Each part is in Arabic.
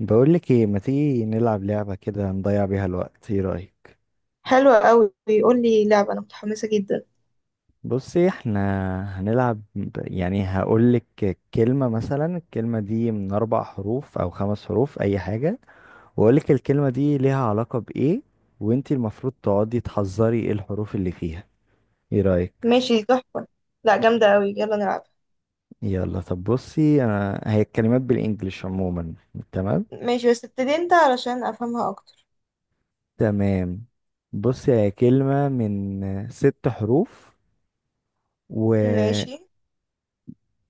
بقول لك ايه، ما تيجي نلعب لعبة كده نضيع بيها الوقت؟ ايه رأيك؟ حلوة قوي، بيقول لي لعبة. أنا متحمسة جدا. بصي، احنا هنلعب يعني هقول لك كلمة، مثلا الكلمة دي من اربع حروف او خمس حروف، اي حاجة. واقول لك الكلمة دي ليها علاقة بايه، وانتي المفروض تقعدي تحذري ايه الحروف اللي فيها. ايه رأيك؟ ماشي، تحفة. لا، جامدة قوي، يلا نلعب. يلا، طب بصي، انا هي الكلمات بالانجلش عموما. تمام. ماشي، بس ابتدي انت علشان أفهمها أكتر. تمام، بصي هي كلمة من ست حروف، و ماشي.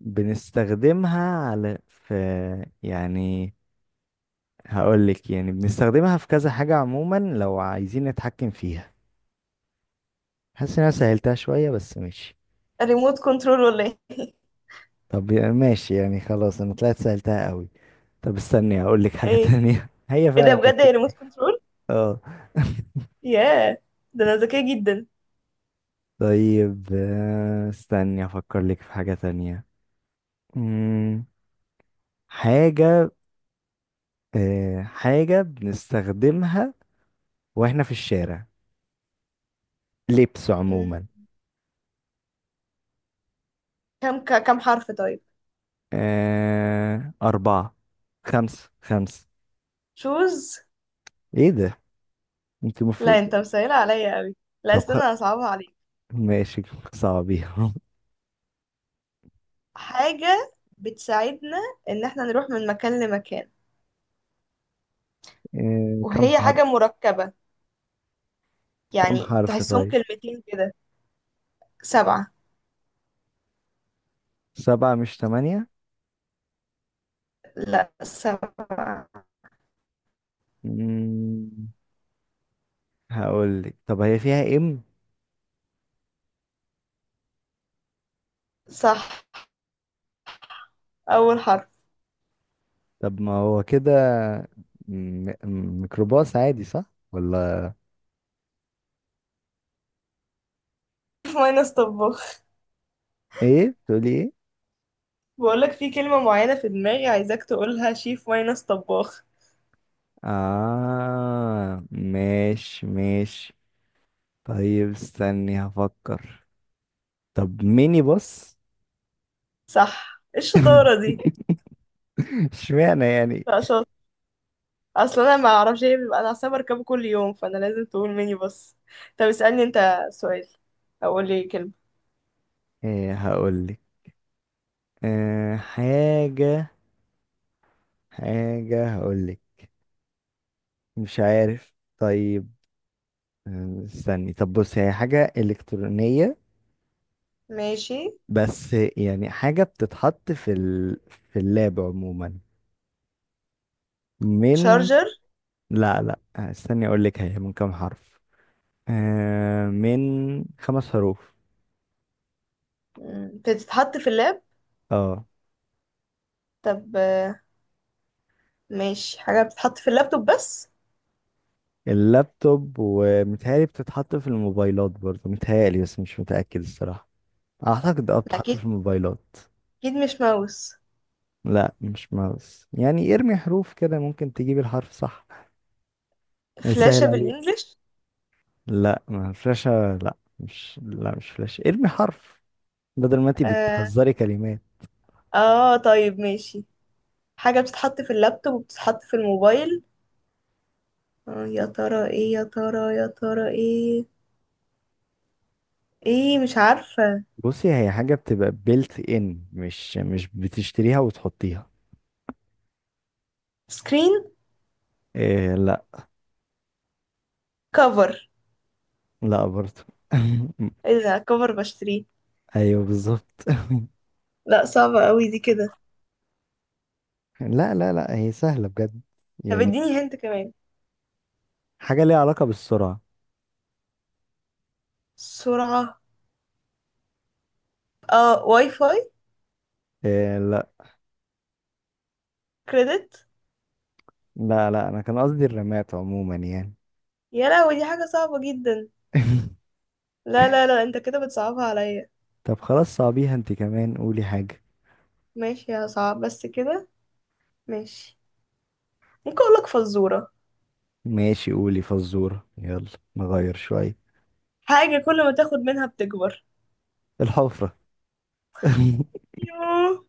بنستخدمها على في يعني هقول لك، يعني بنستخدمها في كذا حاجة عموما لو عايزين نتحكم فيها. حاسس ان انا سهلتها شوية، بس ماشي. ريموت كنترول ولا ايه؟ طب ماشي يعني، خلاص انا طلعت سهلتها قوي. طب استني هقول لك حاجة ايه. تانية. هي ايه ده فعلا كانت، بجد؟ يا ريموت كنترول. اه. ياه، ده أنا ذكية جدا. طيب، استني افكر لك في حاجة تانية. مم، حاجة حاجة بنستخدمها واحنا في الشارع، لبس مم. عموما. كم كم حرف طيب؟ أربعة، خمسة خمسة. شوز. إيه ده؟ أنت لا المفروض. انت مسهلة عليا قوي. لا طب خ... استنى، أنا هصعبها عليك. ماشي، صعبيها. حاجة بتساعدنا إن احنا نروح من مكان لمكان، كم وهي حرف؟ حاجة مركبة، كم يعني حرف تحسهم طيب؟ كلمتين كده. سبعة. سبعة مش تمانية؟ لا، سبعة. مم... هقول لك، طب هي فيها إم؟ صح، أول حرف. طب ما هو كده. ميكروباص عادي، صح؟ ولا شيف ماينس طباخ. إيه؟ تقولي إيه؟ بقولك في كلمة معينة في دماغي عايزاك تقولها شيف ماينس طباخ. آه، ماشي ماشي. طيب استني هفكر. طب ميني باص. صح، ايه الشطارة دي؟ اشمعنى يعني. لا، شاطر. أصل أنا ما أعرفش ايه بيبقى، أنا أصلا بركبه كل يوم فأنا لازم تقول مني بس. طب اسألني أنت سؤال، أو قول لي كلمة. ايه هقولك، أه حاجة حاجة هقولك. مش عارف طيب. استني، طب بص، هي حاجة إلكترونية. ماشي. بس يعني حاجة بتتحط في اللاب عموما، من. شارجر. لا لا، استني أقولك هي من كام حرف. أه، من خمس حروف. مم، بتتحط في اللاب. اه. طب آه، ماشي، حاجة بتتحط في اللابتوب بس. اللابتوب، ومتهيألي بتتحط في الموبايلات برضه، متهيألي، بس مش متأكد الصراحة. أعتقد اه بتتحط أكيد. في الموبايلات. أكيد مش ماوس. لا، مش ماوس، يعني ارمي حروف كده ممكن تجيب الحرف صح، فلاشة يسهل عليك. بالإنجلش. لا، ما فلاشة. لا مش فلاشة. ارمي حرف بدل ما انتي آه. بتحذري كلمات. اه طيب ماشي، حاجة بتتحط في اللابتوب وبتتحط في الموبايل. آه، يا ترى ايه، يا ترى، يا ترى ايه؟ ايه، مش عارفة. بصي، هي حاجة بتبقى بيلت ان، مش بتشتريها وتحطيها. سكرين. إيه؟ لا. كفر. لا برضه. ايه ده؟ كفر بشتريه. ايوه بالظبط. لا صعبة قوي دي كده. لا لا لا، هي سهلة بجد، طب يعني. اديني هنت كمان. حاجة ليها علاقة بالسرعة. سرعة. اه، واي فاي. إيه؟ لا. كريدت. لا لا، انا كان قصدي الرمات عموما يعني. يا لهوي، دي حاجة صعبة جدا. لا لا لا، انت كده بتصعبها عليا. طب خلاص، صعبيها انت كمان، قولي حاجة. ماشي يا صعب بس كده. ماشي. ممكن اقولك فزورة؟ ماشي، قولي فزورة يلا، نغير شوية. حاجة كل ما تاخد منها بتكبر. الحفرة. يوه.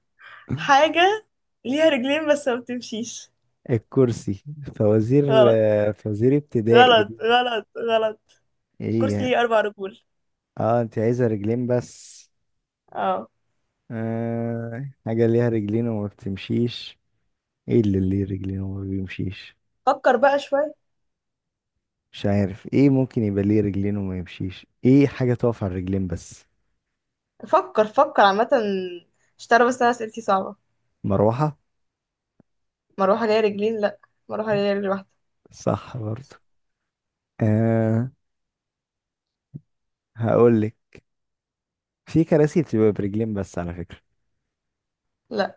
حاجة ليها رجلين بس ما بتمشيش. الكرسي. فوازير، غلط، ابتدائي غلط دي. غلط غلط ايه كرسي يعني؟ ليه أربع رجول. اه، انت عايزة رجلين بس. اه. حاجة ليها رجلين وما بتمشيش. ايه اللي ليه رجلين وما بيمشيش؟ فكر بقى شوية. مش عارف، ايه ممكن يبقى ليه رجلين وما يمشيش، ايه حاجة تقف على الرجلين بس؟ فكر، فكر عامة، مش تعرف، بس أنا أسئلتي صعبة. مروحة. مروحة ليا رجلين؟ لأ. مروحة ليا رجل واحدة. صح برضه. آه، هقولك، في كراسي بتبقى برجلين بس على فكرة. لأ،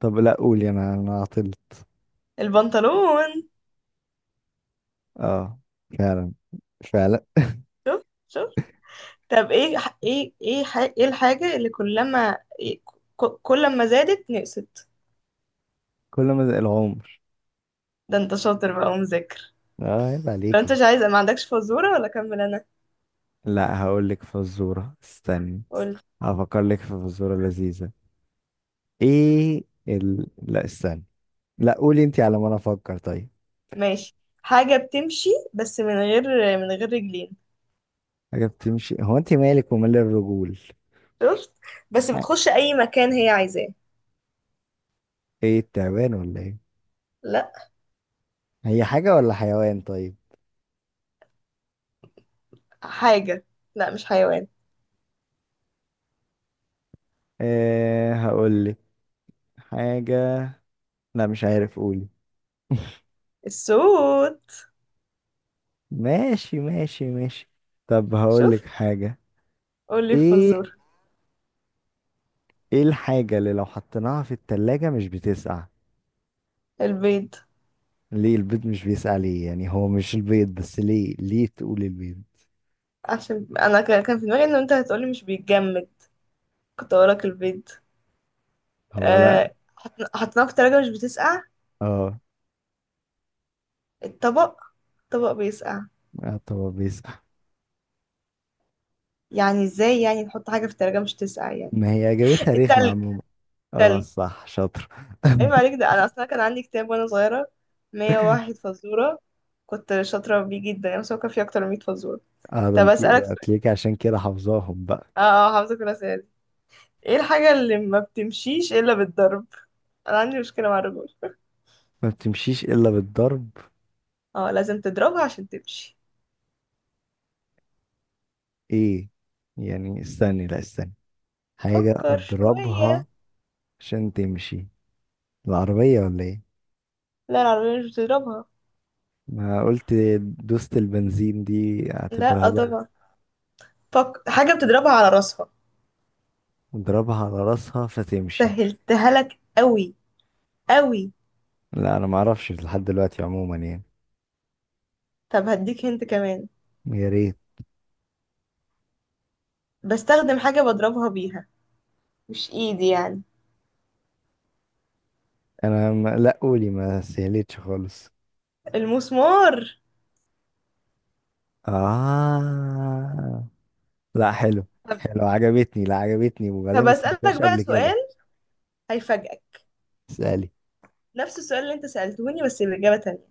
طب لا، قولي، انا عطلت. البنطلون. اه، فعلا، فعلا. شوف، شوف. طب ايه ايه، ايه الحاجة اللي كلما إيه، كل ما زادت نقصت؟ كل ما العمر. ده انت شاطر بقى ومذاكر. اه، عيب لو انت عليكي. مش عايز ما عندكش فزورة، ولا اكمل انا؟ لا، هقول لك فزورة، استني. قول. هفكر لك في فزورة لذيذة. لا استني، لا قولي انت على ما انا افكر طيب. ماشي. حاجة بتمشي بس من غير، من غير رجلين. حاجة بتمشي، هو انت مالك ومال الرجول. شفت؟ بس ح- بتخش اي مكان هي عايزاه. ايه، التعبان ولا ايه؟ لا. هي حاجة ولا حيوان طيب؟ حاجة. لا مش حيوان. ايه هقول لك حاجة. لا مش عارف، قولي. السود. ماشي ماشي ماشي. طب هقول شوف. لك حاجة. قولي ايه فزور. ايه الحاجة اللي لو حطيناها في التلاجة مش بتسقع؟ البيض. ليه البيض مش بيسقع؟ ليه يعني؟ هو مش البيض بس، ليه ليه تقول البيض؟ عشان انا كان في دماغي ان انت هتقولي مش بيتجمد، كنت هقولك البيض. هو لا. أه... حطيناه في التلاجة مش بتسقع. اه. الطبق. طبق بيسقع. آه، طب هو بيسقع. يعني ازاي يعني نحط حاجة في التلاجة مش تسقع يعني؟ ما هي اجابتها رخمة التلج. عموما. اه، تلج. صح، شاطر. ايوه عليك، ده انا اصلا كان عندي كتاب وانا صغيرة، 101 فزورة، كنت شاطرة بيه جدا يعني، بس هو كان فيه اكتر من 100 فزورة. اه، ده طب انت اسألك سؤال. هتلاقيكي عشان كده حافظاهم بقى. اه اه، حافظة كل. ايه الحاجة اللي ما بتمشيش الا بالضرب؟ انا عندي مشكلة مع الرجل. ما بتمشيش الا بالضرب. اه لازم تضربها عشان تمشي. ايه يعني؟ استني، لا استني، حاجة فكر شوية. اضربها عشان تمشي؟ العربية ولا ايه؟ لا، العربية مش بتضربها. ما قلت، دوست البنزين دي لا اعتبرها آه ضرب. طبعا. فك... حاجة بتضربها على راسها. اضربها على راسها فتمشي؟ سهلتها لك قوي، قوي. لا، انا ما اعرفش لحد دلوقتي عموما يعني. طب هديك هنت كمان. يا ريت. بستخدم حاجة بضربها بيها، مش ايدي يعني. انا ما... لا قولي، ما سهلتش خالص. المسمار. آه، لا، حلو. طب. حلو، عجبتني، لا عجبتني، وبعدين طب ما اسألك سمعتهاش بقى قبل كده. سؤال، هيفاجئك. اسألي. نفس السؤال اللي انت سألتوني بس بإجابة تانية.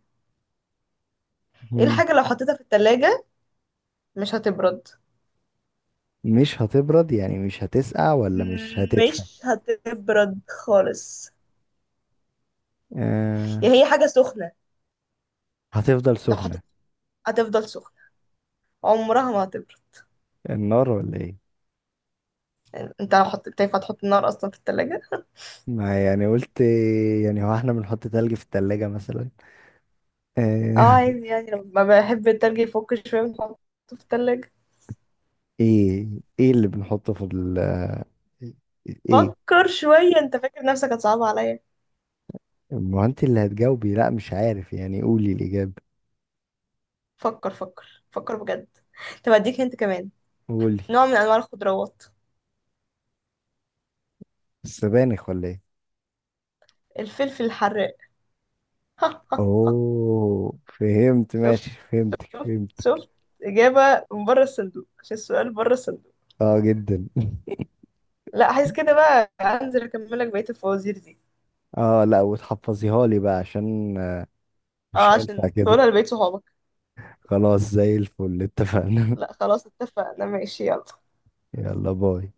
ايه مم. الحاجة لو حطيتها في التلاجة مش هتبرد؟ مش هتبرد، يعني مش هتسقع ولا مش هتدفى؟ مش هتبرد خالص. آه. يعني هي حاجة سخنة، هتفضل لو سخنة. حطيت هتفضل سخنة، عمرها ما هتبرد. النار ولا ايه؟ يعني انت لو حطيت ينفع تحط النار اصلا في التلاجة؟ ما يعني قلت، يعني هو احنا بنحط تلج في التلاجة مثلا. اه آه. عادي، يعني لما بحب التلج يفك شوية بنحطه في التلاجة. ايه ايه اللي بنحطه في ايه. فكر شوية، انت فاكر نفسك هتصعب عليا. ما انت اللي هتجاوبي، لا مش عارف يعني، قولي الاجابه. فكر فكر فكر بجد. طب اديك انت كمان. قولي. نوع من انواع الخضروات. السبانخ ولا ايه؟ الفلفل الحراق. اوه، فهمت، شفت، ماشي، فهمتك، شفت، فهمت. شفت. إجابة من بره الصندوق عشان السؤال بره الصندوق. اه، جدا. لا عايز كده بقى، انزل اكمل لك بقية الفوازير دي. اه، لا، وتحفظيها لي بقى، عشان مش اه هينفع عشان كده. تقولها لبقية صحابك. خلاص، زي الفل، اتفقنا. لا خلاص اتفقنا، ماشي، يلا. يلا، باي.